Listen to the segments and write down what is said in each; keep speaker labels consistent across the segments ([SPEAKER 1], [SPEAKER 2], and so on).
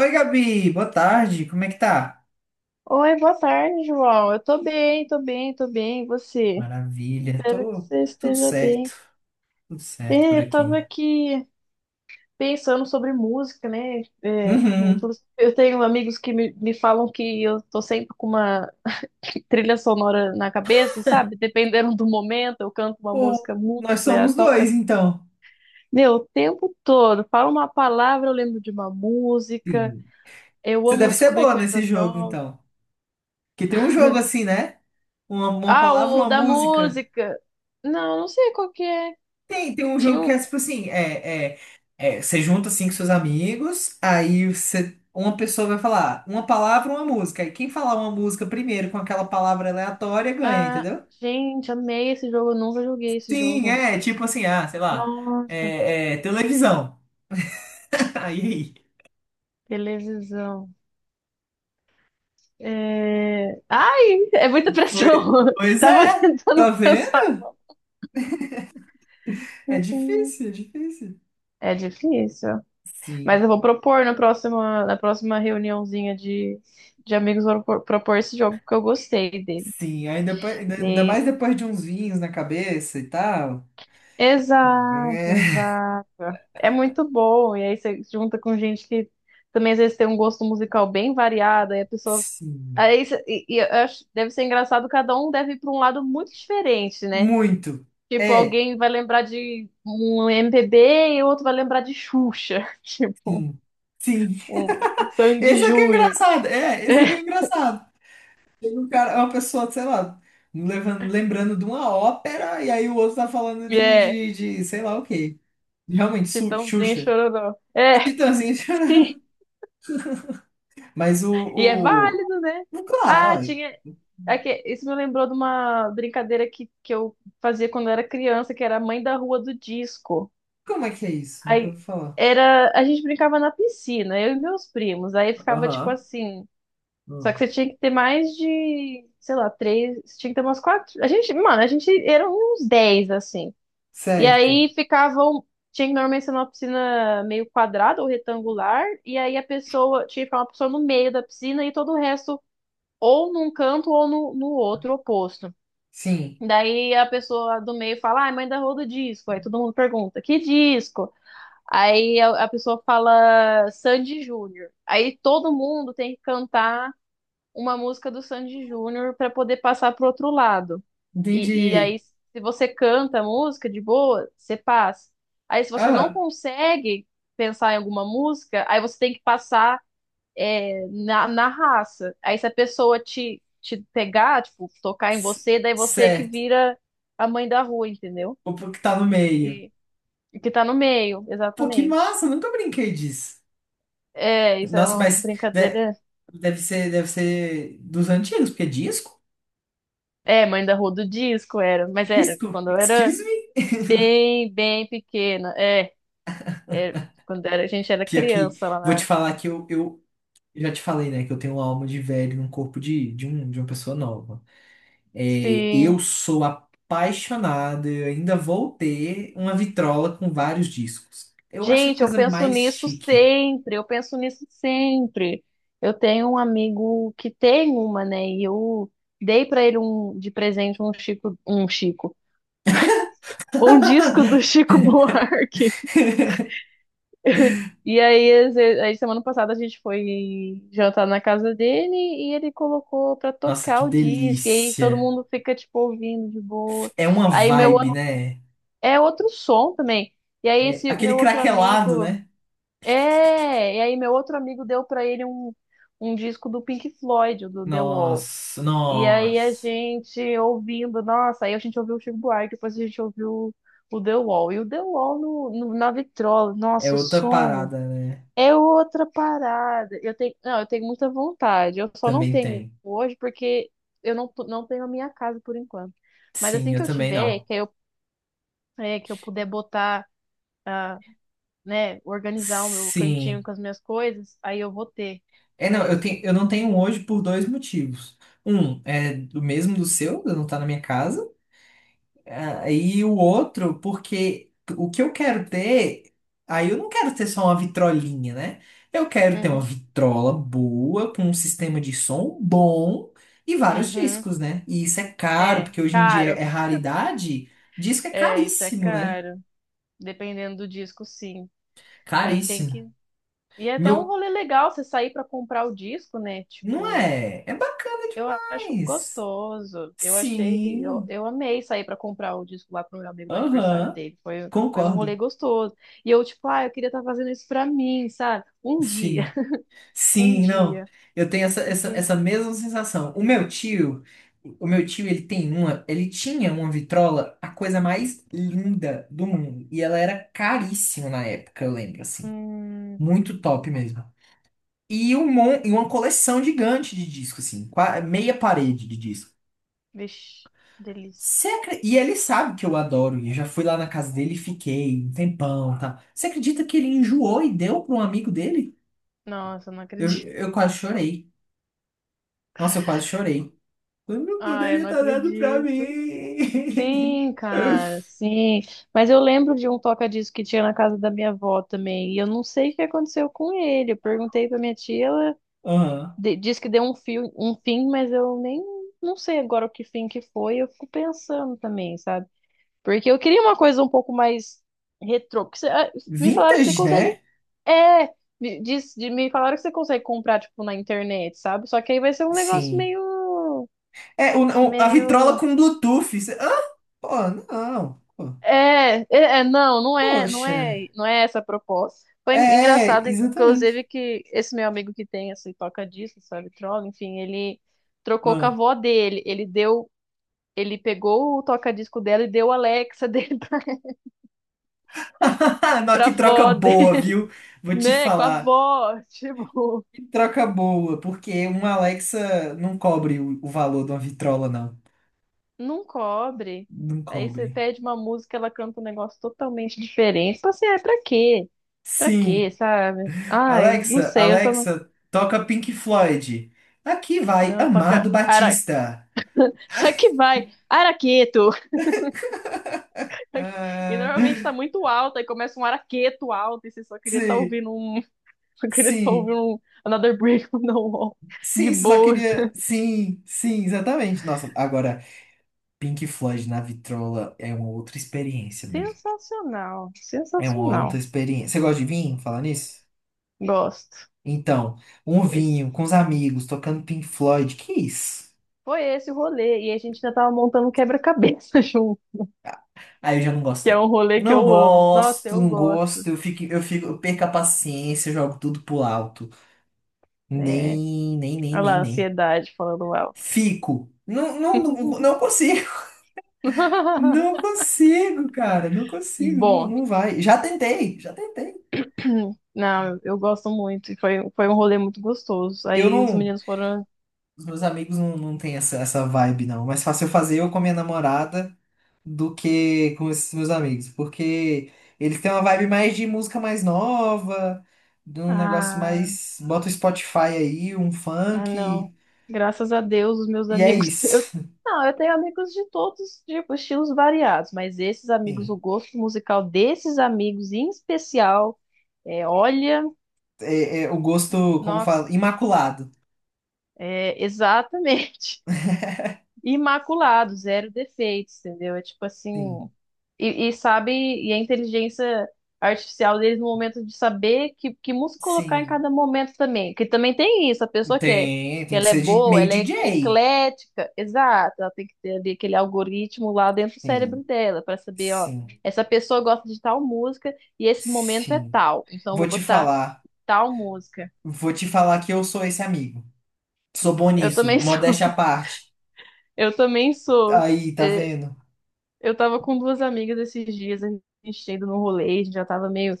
[SPEAKER 1] Oi, Gabi, boa tarde, como é que tá?
[SPEAKER 2] Oi, boa tarde, João. Eu tô bem, tô bem. E você?
[SPEAKER 1] Maravilha,
[SPEAKER 2] Espero que
[SPEAKER 1] tô
[SPEAKER 2] você
[SPEAKER 1] tudo
[SPEAKER 2] esteja
[SPEAKER 1] certo,
[SPEAKER 2] bem.
[SPEAKER 1] tudo certo por
[SPEAKER 2] Eu
[SPEAKER 1] aqui.
[SPEAKER 2] tava aqui pensando sobre música, né?
[SPEAKER 1] Uhum.
[SPEAKER 2] Inclusive, eu tenho amigos que me falam que eu tô sempre com uma trilha sonora na cabeça, sabe? Dependendo do momento, eu canto uma
[SPEAKER 1] Pô,
[SPEAKER 2] música muito
[SPEAKER 1] nós somos
[SPEAKER 2] aleatória.
[SPEAKER 1] dois, então.
[SPEAKER 2] Meu, o tempo todo, falo uma palavra, eu lembro de uma música.
[SPEAKER 1] Sim.
[SPEAKER 2] Eu
[SPEAKER 1] Você
[SPEAKER 2] amo
[SPEAKER 1] deve ser
[SPEAKER 2] descobrir
[SPEAKER 1] boa nesse
[SPEAKER 2] coisas
[SPEAKER 1] jogo,
[SPEAKER 2] novas.
[SPEAKER 1] então. Porque tem um jogo assim, né? Uma
[SPEAKER 2] Ah,
[SPEAKER 1] palavra,
[SPEAKER 2] o
[SPEAKER 1] uma
[SPEAKER 2] da
[SPEAKER 1] música.
[SPEAKER 2] música! Não, não sei qual que é.
[SPEAKER 1] Tem um
[SPEAKER 2] Tinha
[SPEAKER 1] jogo que é
[SPEAKER 2] um.
[SPEAKER 1] tipo assim, você junta assim com seus amigos, aí você, uma pessoa vai falar uma palavra, uma música. Aí quem falar uma música primeiro com aquela palavra aleatória ganha,
[SPEAKER 2] Ah,
[SPEAKER 1] entendeu?
[SPEAKER 2] gente, amei esse jogo. Eu nunca joguei esse
[SPEAKER 1] Sim,
[SPEAKER 2] jogo.
[SPEAKER 1] é, tipo assim, ah, sei lá,
[SPEAKER 2] Nossa,
[SPEAKER 1] televisão. Aí,
[SPEAKER 2] televisão. Ai, é muita
[SPEAKER 1] foi,
[SPEAKER 2] pressão.
[SPEAKER 1] pois
[SPEAKER 2] Tava
[SPEAKER 1] é,
[SPEAKER 2] tentando
[SPEAKER 1] tá
[SPEAKER 2] pensar
[SPEAKER 1] vendo?
[SPEAKER 2] numa.
[SPEAKER 1] É difícil, é difícil.
[SPEAKER 2] É difícil. Mas
[SPEAKER 1] Sim,
[SPEAKER 2] eu vou propor na próxima reuniãozinha de amigos, vou propor, propor esse jogo, porque eu gostei dele.
[SPEAKER 1] sim, ainda, pa- ainda ainda
[SPEAKER 2] E-
[SPEAKER 1] mais depois de uns vinhos na cabeça e tal. É,
[SPEAKER 2] Exato, exato. É muito bom. E aí você junta com gente que também às vezes tem um gosto musical bem variado, aí a pessoa.
[SPEAKER 1] sim,
[SPEAKER 2] Eu acho, deve ser engraçado, cada um deve ir para um lado muito diferente, né?
[SPEAKER 1] muito.
[SPEAKER 2] Tipo,
[SPEAKER 1] É,
[SPEAKER 2] alguém vai lembrar de um MPB e o outro vai lembrar de Xuxa. Tipo,
[SPEAKER 1] sim, sim.
[SPEAKER 2] um Sandy
[SPEAKER 1] Esse aqui é
[SPEAKER 2] Júnior.
[SPEAKER 1] engraçado, esse aqui é engraçado. Tem um cara, é uma pessoa, sei lá, levando, lembrando de uma ópera e aí o outro tá falando
[SPEAKER 2] É,
[SPEAKER 1] de,
[SPEAKER 2] é,
[SPEAKER 1] de, de sei lá o quê. Realmente, Su-
[SPEAKER 2] Chitãozinho e
[SPEAKER 1] Xuxa.
[SPEAKER 2] Chororó. É,
[SPEAKER 1] Titãzinho chorando.
[SPEAKER 2] sim.
[SPEAKER 1] Mas
[SPEAKER 2] E é
[SPEAKER 1] o...
[SPEAKER 2] válido, né?
[SPEAKER 1] o Claro,
[SPEAKER 2] Ah, tinha.
[SPEAKER 1] ó.
[SPEAKER 2] É que isso me lembrou de uma brincadeira que eu fazia quando eu era criança, que era a mãe da rua do disco.
[SPEAKER 1] Como é que é isso? Nunca
[SPEAKER 2] Aí
[SPEAKER 1] ouvi falar.
[SPEAKER 2] era, a gente brincava na piscina, eu e meus primos. Aí ficava tipo
[SPEAKER 1] Aham.
[SPEAKER 2] assim, só que você
[SPEAKER 1] Hum.
[SPEAKER 2] tinha que ter mais de, sei lá, três, você tinha que ter umas quatro. A gente, mano, a gente eram uns dez assim. E
[SPEAKER 1] Certo.
[SPEAKER 2] aí ficavam, tinha que normalmente ser uma piscina meio quadrada ou retangular, e aí a pessoa tinha que ficar uma pessoa no meio da piscina e todo o resto ou num canto ou no outro oposto.
[SPEAKER 1] Sim.
[SPEAKER 2] Daí a pessoa do meio fala, ai, mãe da roda disco. Aí todo mundo pergunta, que disco? Aí a pessoa fala Sandy Júnior. Aí todo mundo tem que cantar uma música do Sandy Júnior para poder passar pro outro lado. E aí,
[SPEAKER 1] Entendi.
[SPEAKER 2] se você canta a música de boa, você passa. Aí, se você não
[SPEAKER 1] Ah,
[SPEAKER 2] consegue pensar em alguma música, aí você tem que passar na raça. Aí, se a pessoa te pegar, tipo, tocar em
[SPEAKER 1] c-
[SPEAKER 2] você, daí você que
[SPEAKER 1] certo.
[SPEAKER 2] vira a mãe da rua, entendeu?
[SPEAKER 1] O que tá no meio.
[SPEAKER 2] E, que tá no meio,
[SPEAKER 1] Pô, que
[SPEAKER 2] exatamente.
[SPEAKER 1] massa. Nunca brinquei disso.
[SPEAKER 2] É, isso era
[SPEAKER 1] Nossa,
[SPEAKER 2] uma
[SPEAKER 1] mas de-
[SPEAKER 2] brincadeira.
[SPEAKER 1] deve ser, deve ser dos antigos, porque é disco?
[SPEAKER 2] É, mãe da rua do disco era, mas era de
[SPEAKER 1] Disco?
[SPEAKER 2] quando eu era
[SPEAKER 1] Excuse me?
[SPEAKER 2] bem pequena. É, quando era, a gente era
[SPEAKER 1] Pior que,
[SPEAKER 2] criança lá
[SPEAKER 1] vou te
[SPEAKER 2] na.
[SPEAKER 1] falar que eu já te falei, né? Que eu tenho uma alma de velho num corpo de uma pessoa nova. É,
[SPEAKER 2] Sim.
[SPEAKER 1] eu sou apaixonado, eu ainda vou ter uma vitrola com vários discos. Eu acho a
[SPEAKER 2] Gente, eu
[SPEAKER 1] coisa
[SPEAKER 2] penso
[SPEAKER 1] mais
[SPEAKER 2] nisso
[SPEAKER 1] chique.
[SPEAKER 2] sempre, eu penso nisso sempre. Eu tenho um amigo que tem uma, né? E eu dei pra ele um de presente um Chico, um disco do Chico Buarque. E aí, semana passada a gente foi jantar na casa dele e ele colocou pra
[SPEAKER 1] Nossa, que
[SPEAKER 2] tocar o disco. E aí todo
[SPEAKER 1] delícia.
[SPEAKER 2] mundo fica, tipo, ouvindo de boa.
[SPEAKER 1] É uma
[SPEAKER 2] Aí meu
[SPEAKER 1] vibe,
[SPEAKER 2] outro,
[SPEAKER 1] né?
[SPEAKER 2] é outro som também. E aí
[SPEAKER 1] É
[SPEAKER 2] esse
[SPEAKER 1] aquele
[SPEAKER 2] meu outro
[SPEAKER 1] craquelado,
[SPEAKER 2] amigo,
[SPEAKER 1] né?
[SPEAKER 2] e aí meu outro amigo deu pra ele um, um disco do Pink Floyd, do The Wall.
[SPEAKER 1] Nossa,
[SPEAKER 2] E aí a
[SPEAKER 1] nossa.
[SPEAKER 2] gente ouvindo, nossa, aí a gente ouviu o Chico Buarque, depois a gente ouviu o The Wall. E o The Wall na vitrola,
[SPEAKER 1] É
[SPEAKER 2] nossa, o
[SPEAKER 1] outra
[SPEAKER 2] som.
[SPEAKER 1] parada, né?
[SPEAKER 2] É outra parada. Eu tenho, não, eu tenho muita vontade. Eu só não
[SPEAKER 1] Também
[SPEAKER 2] tenho
[SPEAKER 1] tem.
[SPEAKER 2] hoje porque eu não, tô- não tenho a minha casa por enquanto. Mas
[SPEAKER 1] Sim,
[SPEAKER 2] assim que
[SPEAKER 1] eu
[SPEAKER 2] eu
[SPEAKER 1] também
[SPEAKER 2] tiver,
[SPEAKER 1] não.
[SPEAKER 2] que eu puder botar, ah, né, organizar o meu cantinho
[SPEAKER 1] Sim.
[SPEAKER 2] com as minhas coisas, aí eu vou ter.
[SPEAKER 1] É, não, eu
[SPEAKER 2] Mas,
[SPEAKER 1] tenho, eu não tenho um hoje por dois motivos. Um, é do mesmo do seu, eu não tá na minha casa. Ah, e o outro, porque o que eu quero ter, aí eu não quero ter só uma vitrolinha, né? Eu quero ter uma
[SPEAKER 2] uhum,
[SPEAKER 1] vitrola boa, com um sistema de som bom e vários
[SPEAKER 2] uhum,
[SPEAKER 1] discos, né? E isso é caro,
[SPEAKER 2] é
[SPEAKER 1] porque hoje em dia
[SPEAKER 2] caro.
[SPEAKER 1] é raridade, disco é
[SPEAKER 2] É, isso é
[SPEAKER 1] caríssimo, né?
[SPEAKER 2] caro. Dependendo do disco, sim. Aí tem
[SPEAKER 1] Caríssimo.
[SPEAKER 2] que. E é até um
[SPEAKER 1] Meu,
[SPEAKER 2] rolê legal você sair pra comprar o disco, né?
[SPEAKER 1] não
[SPEAKER 2] Tipo.
[SPEAKER 1] é? É bacana
[SPEAKER 2] Eu acho
[SPEAKER 1] demais.
[SPEAKER 2] gostoso.
[SPEAKER 1] Sim.
[SPEAKER 2] Eu amei sair pra comprar o disco lá pro meu amigo no aniversário
[SPEAKER 1] Aham.
[SPEAKER 2] dele. Foi um rolê
[SPEAKER 1] Concordo.
[SPEAKER 2] gostoso. E eu, tipo, ah, eu queria estar fazendo isso pra mim, sabe? Um dia,
[SPEAKER 1] Sim.
[SPEAKER 2] um
[SPEAKER 1] Sim, não.
[SPEAKER 2] dia.
[SPEAKER 1] Eu tenho essa, essa,
[SPEAKER 2] Porque,
[SPEAKER 1] essa mesma sensação. O meu tio, ele tinha uma vitrola, a coisa mais linda do mundo. E ela era caríssima na época, eu lembro, assim.
[SPEAKER 2] hum,
[SPEAKER 1] Muito top mesmo. E uma coleção gigante de disco, assim, meia parede de disco.
[SPEAKER 2] vixe, delícia.
[SPEAKER 1] E ele sabe que eu adoro, e eu já fui lá na casa dele e fiquei um tempão, tá? Você acredita que ele enjoou e deu para um amigo dele?
[SPEAKER 2] Nossa, eu não
[SPEAKER 1] Eu,
[SPEAKER 2] acredito.
[SPEAKER 1] eu quase chorei. Nossa, eu quase chorei. Quando
[SPEAKER 2] Ah, eu
[SPEAKER 1] poderia
[SPEAKER 2] não
[SPEAKER 1] estar dado pra
[SPEAKER 2] acredito.
[SPEAKER 1] mim.
[SPEAKER 2] Sim, cara, sim. Mas eu lembro de um toca-disco que tinha na casa da minha avó também. E eu não sei o que aconteceu com ele. Eu perguntei pra minha tia, ela
[SPEAKER 1] Aham.
[SPEAKER 2] diz que deu um fim, mas eu nem não sei agora o que fim que foi. Eu fico pensando também, sabe? Porque eu queria uma coisa um pouco mais retrô. Me falaram que você
[SPEAKER 1] Vintage,
[SPEAKER 2] consegue.
[SPEAKER 1] né?
[SPEAKER 2] É, me falaram que você consegue comprar, tipo, na internet, sabe? Só que aí vai ser um negócio
[SPEAKER 1] Sim. É, a vitrola
[SPEAKER 2] meio.
[SPEAKER 1] com Bluetooth. Ah, pô, não. Pô, Poxa.
[SPEAKER 2] Não é essa a proposta. Foi
[SPEAKER 1] É,
[SPEAKER 2] engraçado, inclusive,
[SPEAKER 1] exatamente.
[SPEAKER 2] que esse meu amigo que tem esse toca-disco, sabe, troll, enfim, ele trocou com a
[SPEAKER 1] Ah.
[SPEAKER 2] avó dele. Ele pegou o toca-disco dela e deu a Alexa dele pra,
[SPEAKER 1] Não,
[SPEAKER 2] pra
[SPEAKER 1] que troca
[SPEAKER 2] avó
[SPEAKER 1] boa,
[SPEAKER 2] dele,
[SPEAKER 1] viu? Vou te
[SPEAKER 2] né? Com a
[SPEAKER 1] falar.
[SPEAKER 2] avó, tipo,
[SPEAKER 1] Que troca boa, porque uma Alexa não cobre o valor de uma vitrola, não.
[SPEAKER 2] não cobre.
[SPEAKER 1] Não
[SPEAKER 2] Aí você
[SPEAKER 1] cobre.
[SPEAKER 2] pede uma música, ela canta um negócio totalmente diferente. Tipo assim, ah, pra quê? Pra quê,
[SPEAKER 1] Sim.
[SPEAKER 2] sabe? Ai, não
[SPEAKER 1] Alexa,
[SPEAKER 2] sei, eu só não.
[SPEAKER 1] Alexa, toca Pink Floyd. Aqui vai
[SPEAKER 2] Não,
[SPEAKER 1] Amado
[SPEAKER 2] toca. Ara...
[SPEAKER 1] Batista.
[SPEAKER 2] Aqui vai, araqueto. E normalmente tá
[SPEAKER 1] Ah,
[SPEAKER 2] muito alto, aí começa um araqueto alto, e você só queria estar tá
[SPEAKER 1] sim,
[SPEAKER 2] ouvindo um. Só queria estar tá
[SPEAKER 1] sim,
[SPEAKER 2] ouvindo um Another Brick on the Wall. De
[SPEAKER 1] sim, só
[SPEAKER 2] boas.
[SPEAKER 1] queria. Sim, sim, exatamente. Nossa, agora, Pink Floyd na vitrola é uma outra experiência mesmo.
[SPEAKER 2] Sensacional,
[SPEAKER 1] É uma outra
[SPEAKER 2] sensacional.
[SPEAKER 1] experiência. Você gosta de vinho? Falar nisso?
[SPEAKER 2] Gosto.
[SPEAKER 1] Então, um
[SPEAKER 2] E
[SPEAKER 1] vinho com os amigos, tocando Pink Floyd, que isso?
[SPEAKER 2] foi esse o rolê. E a gente já tava montando um quebra-cabeça junto,
[SPEAKER 1] Aí eu já não
[SPEAKER 2] que
[SPEAKER 1] gosto.
[SPEAKER 2] é
[SPEAKER 1] Não.
[SPEAKER 2] um rolê que
[SPEAKER 1] Não
[SPEAKER 2] eu amo. Nossa,
[SPEAKER 1] gosto,
[SPEAKER 2] eu
[SPEAKER 1] não gosto,
[SPEAKER 2] gosto.
[SPEAKER 1] eu fico, eu fico, eu perco a paciência, eu jogo tudo pro alto.
[SPEAKER 2] É,
[SPEAKER 1] Nem, nem, nem,
[SPEAKER 2] olha lá,
[SPEAKER 1] nem, nem.
[SPEAKER 2] ansiedade falando alto.
[SPEAKER 1] Fico. Não, não, não consigo. Não consigo, cara. Não consigo. Não,
[SPEAKER 2] Bom,
[SPEAKER 1] não vai. Já tentei, já tentei.
[SPEAKER 2] não, eu gosto muito. E foi, foi um rolê muito gostoso.
[SPEAKER 1] Eu
[SPEAKER 2] Aí os
[SPEAKER 1] não.
[SPEAKER 2] meninos foram.
[SPEAKER 1] Os meus amigos não, não têm essa vibe, não. Mais fácil eu fazer eu com a minha namorada do que com esses meus amigos. Porque eles têm uma vibe mais de música mais nova, de um negócio
[SPEAKER 2] Ah,
[SPEAKER 1] mais. Bota o Spotify aí, um
[SPEAKER 2] Ah, não.
[SPEAKER 1] funk.
[SPEAKER 2] Graças a Deus, os meus
[SPEAKER 1] E é
[SPEAKER 2] amigos. Eu...
[SPEAKER 1] isso.
[SPEAKER 2] Não, eu tenho amigos de todos os tipos, estilos variados, mas esses amigos, o
[SPEAKER 1] Sim.
[SPEAKER 2] gosto musical desses amigos em especial, é, olha,
[SPEAKER 1] É, é o gosto, como fala,
[SPEAKER 2] nossa,
[SPEAKER 1] imaculado.
[SPEAKER 2] é, exatamente. Imaculado, zero defeitos, entendeu? É tipo assim,
[SPEAKER 1] Sim.
[SPEAKER 2] sabe, e a inteligência artificial deles no momento de saber que música colocar em
[SPEAKER 1] Sim,
[SPEAKER 2] cada momento também, que também tem isso, a pessoa que é,
[SPEAKER 1] tem,
[SPEAKER 2] que
[SPEAKER 1] tem que
[SPEAKER 2] ela é
[SPEAKER 1] ser de,
[SPEAKER 2] boa,
[SPEAKER 1] meio
[SPEAKER 2] ela é
[SPEAKER 1] DJ.
[SPEAKER 2] eclética, exato, ela tem que ter ali aquele algoritmo lá dentro do cérebro
[SPEAKER 1] Sim,
[SPEAKER 2] dela para saber, ó,
[SPEAKER 1] sim,
[SPEAKER 2] essa pessoa gosta de tal música e esse momento é
[SPEAKER 1] sim.
[SPEAKER 2] tal, então eu
[SPEAKER 1] Vou
[SPEAKER 2] vou
[SPEAKER 1] te
[SPEAKER 2] botar
[SPEAKER 1] falar,
[SPEAKER 2] tal música.
[SPEAKER 1] vou te falar que eu sou esse amigo. Sou bom
[SPEAKER 2] Eu
[SPEAKER 1] nisso,
[SPEAKER 2] também
[SPEAKER 1] modéstia à parte.
[SPEAKER 2] sou.
[SPEAKER 1] Aí, tá
[SPEAKER 2] é,
[SPEAKER 1] vendo?
[SPEAKER 2] Eu tava com duas amigas esses dias, a gente tinha ido no rolê, a gente já tava meio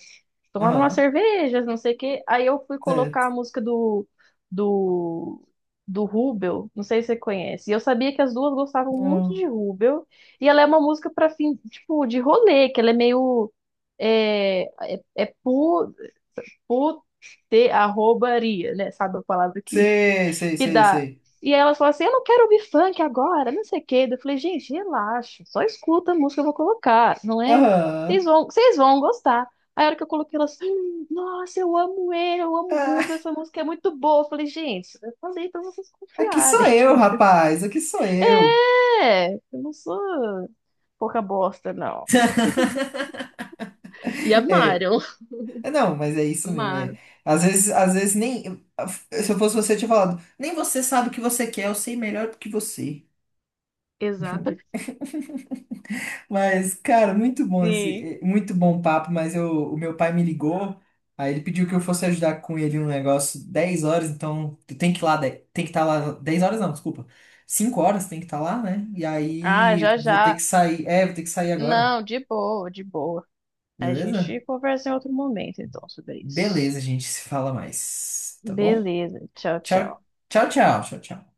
[SPEAKER 2] tomando uma
[SPEAKER 1] Aham,
[SPEAKER 2] cervejas, não sei o quê. Aí eu fui
[SPEAKER 1] certo.
[SPEAKER 2] colocar a música do, do Rubel, não sei se você conhece. E eu sabia que as duas gostavam muito
[SPEAKER 1] Não.
[SPEAKER 2] de Rubel. E ela é uma música pra fim, tipo, de rolê, que ela é meio. É, é, é pu, pu, arrobaria, né? Sabe a palavra
[SPEAKER 1] Sei, sei,
[SPEAKER 2] que
[SPEAKER 1] sei,
[SPEAKER 2] dá.
[SPEAKER 1] sei.
[SPEAKER 2] E aí elas falam assim, eu não quero ouvir funk agora, não sei o quê. Eu falei, gente, relaxa, só escuta a música que eu vou colocar, não é?
[SPEAKER 1] Aham.
[SPEAKER 2] Vocês vão gostar. Aí a hora que eu coloquei elas, nossa, eu amo ele, eu amo o Rubens,
[SPEAKER 1] Ah,
[SPEAKER 2] essa música é muito boa. Eu falei, gente, eu falei pra vocês
[SPEAKER 1] aqui sou
[SPEAKER 2] confiarem.
[SPEAKER 1] eu, rapaz, aqui sou eu.
[SPEAKER 2] É, eu não sou pouca bosta, não. E
[SPEAKER 1] É,
[SPEAKER 2] amaram.
[SPEAKER 1] é, não, mas é isso mesmo, é.
[SPEAKER 2] Amaram.
[SPEAKER 1] Às vezes nem. Se eu fosse você, eu tinha falado, nem você sabe o que você quer, eu sei melhor do que você.
[SPEAKER 2] Exato.
[SPEAKER 1] Mas, cara,
[SPEAKER 2] Sim.
[SPEAKER 1] muito bom papo, mas o meu pai me ligou, aí ele pediu que eu fosse ajudar com ele no negócio 10 horas, então tu tem que ir lá, tem que estar lá, 10 horas não, desculpa, 5 horas tem que estar lá, né? E
[SPEAKER 2] Ah,
[SPEAKER 1] aí
[SPEAKER 2] já,
[SPEAKER 1] vou ter
[SPEAKER 2] já.
[SPEAKER 1] que sair, é, vou ter que sair agora,
[SPEAKER 2] Não, de boa, de boa. A
[SPEAKER 1] beleza?
[SPEAKER 2] gente conversa em outro momento, então, sobre isso.
[SPEAKER 1] Beleza, gente, se fala mais, tá bom?
[SPEAKER 2] Beleza. Tchau,
[SPEAKER 1] Tchau,
[SPEAKER 2] tchau.
[SPEAKER 1] tchau, tchau, tchau, tchau.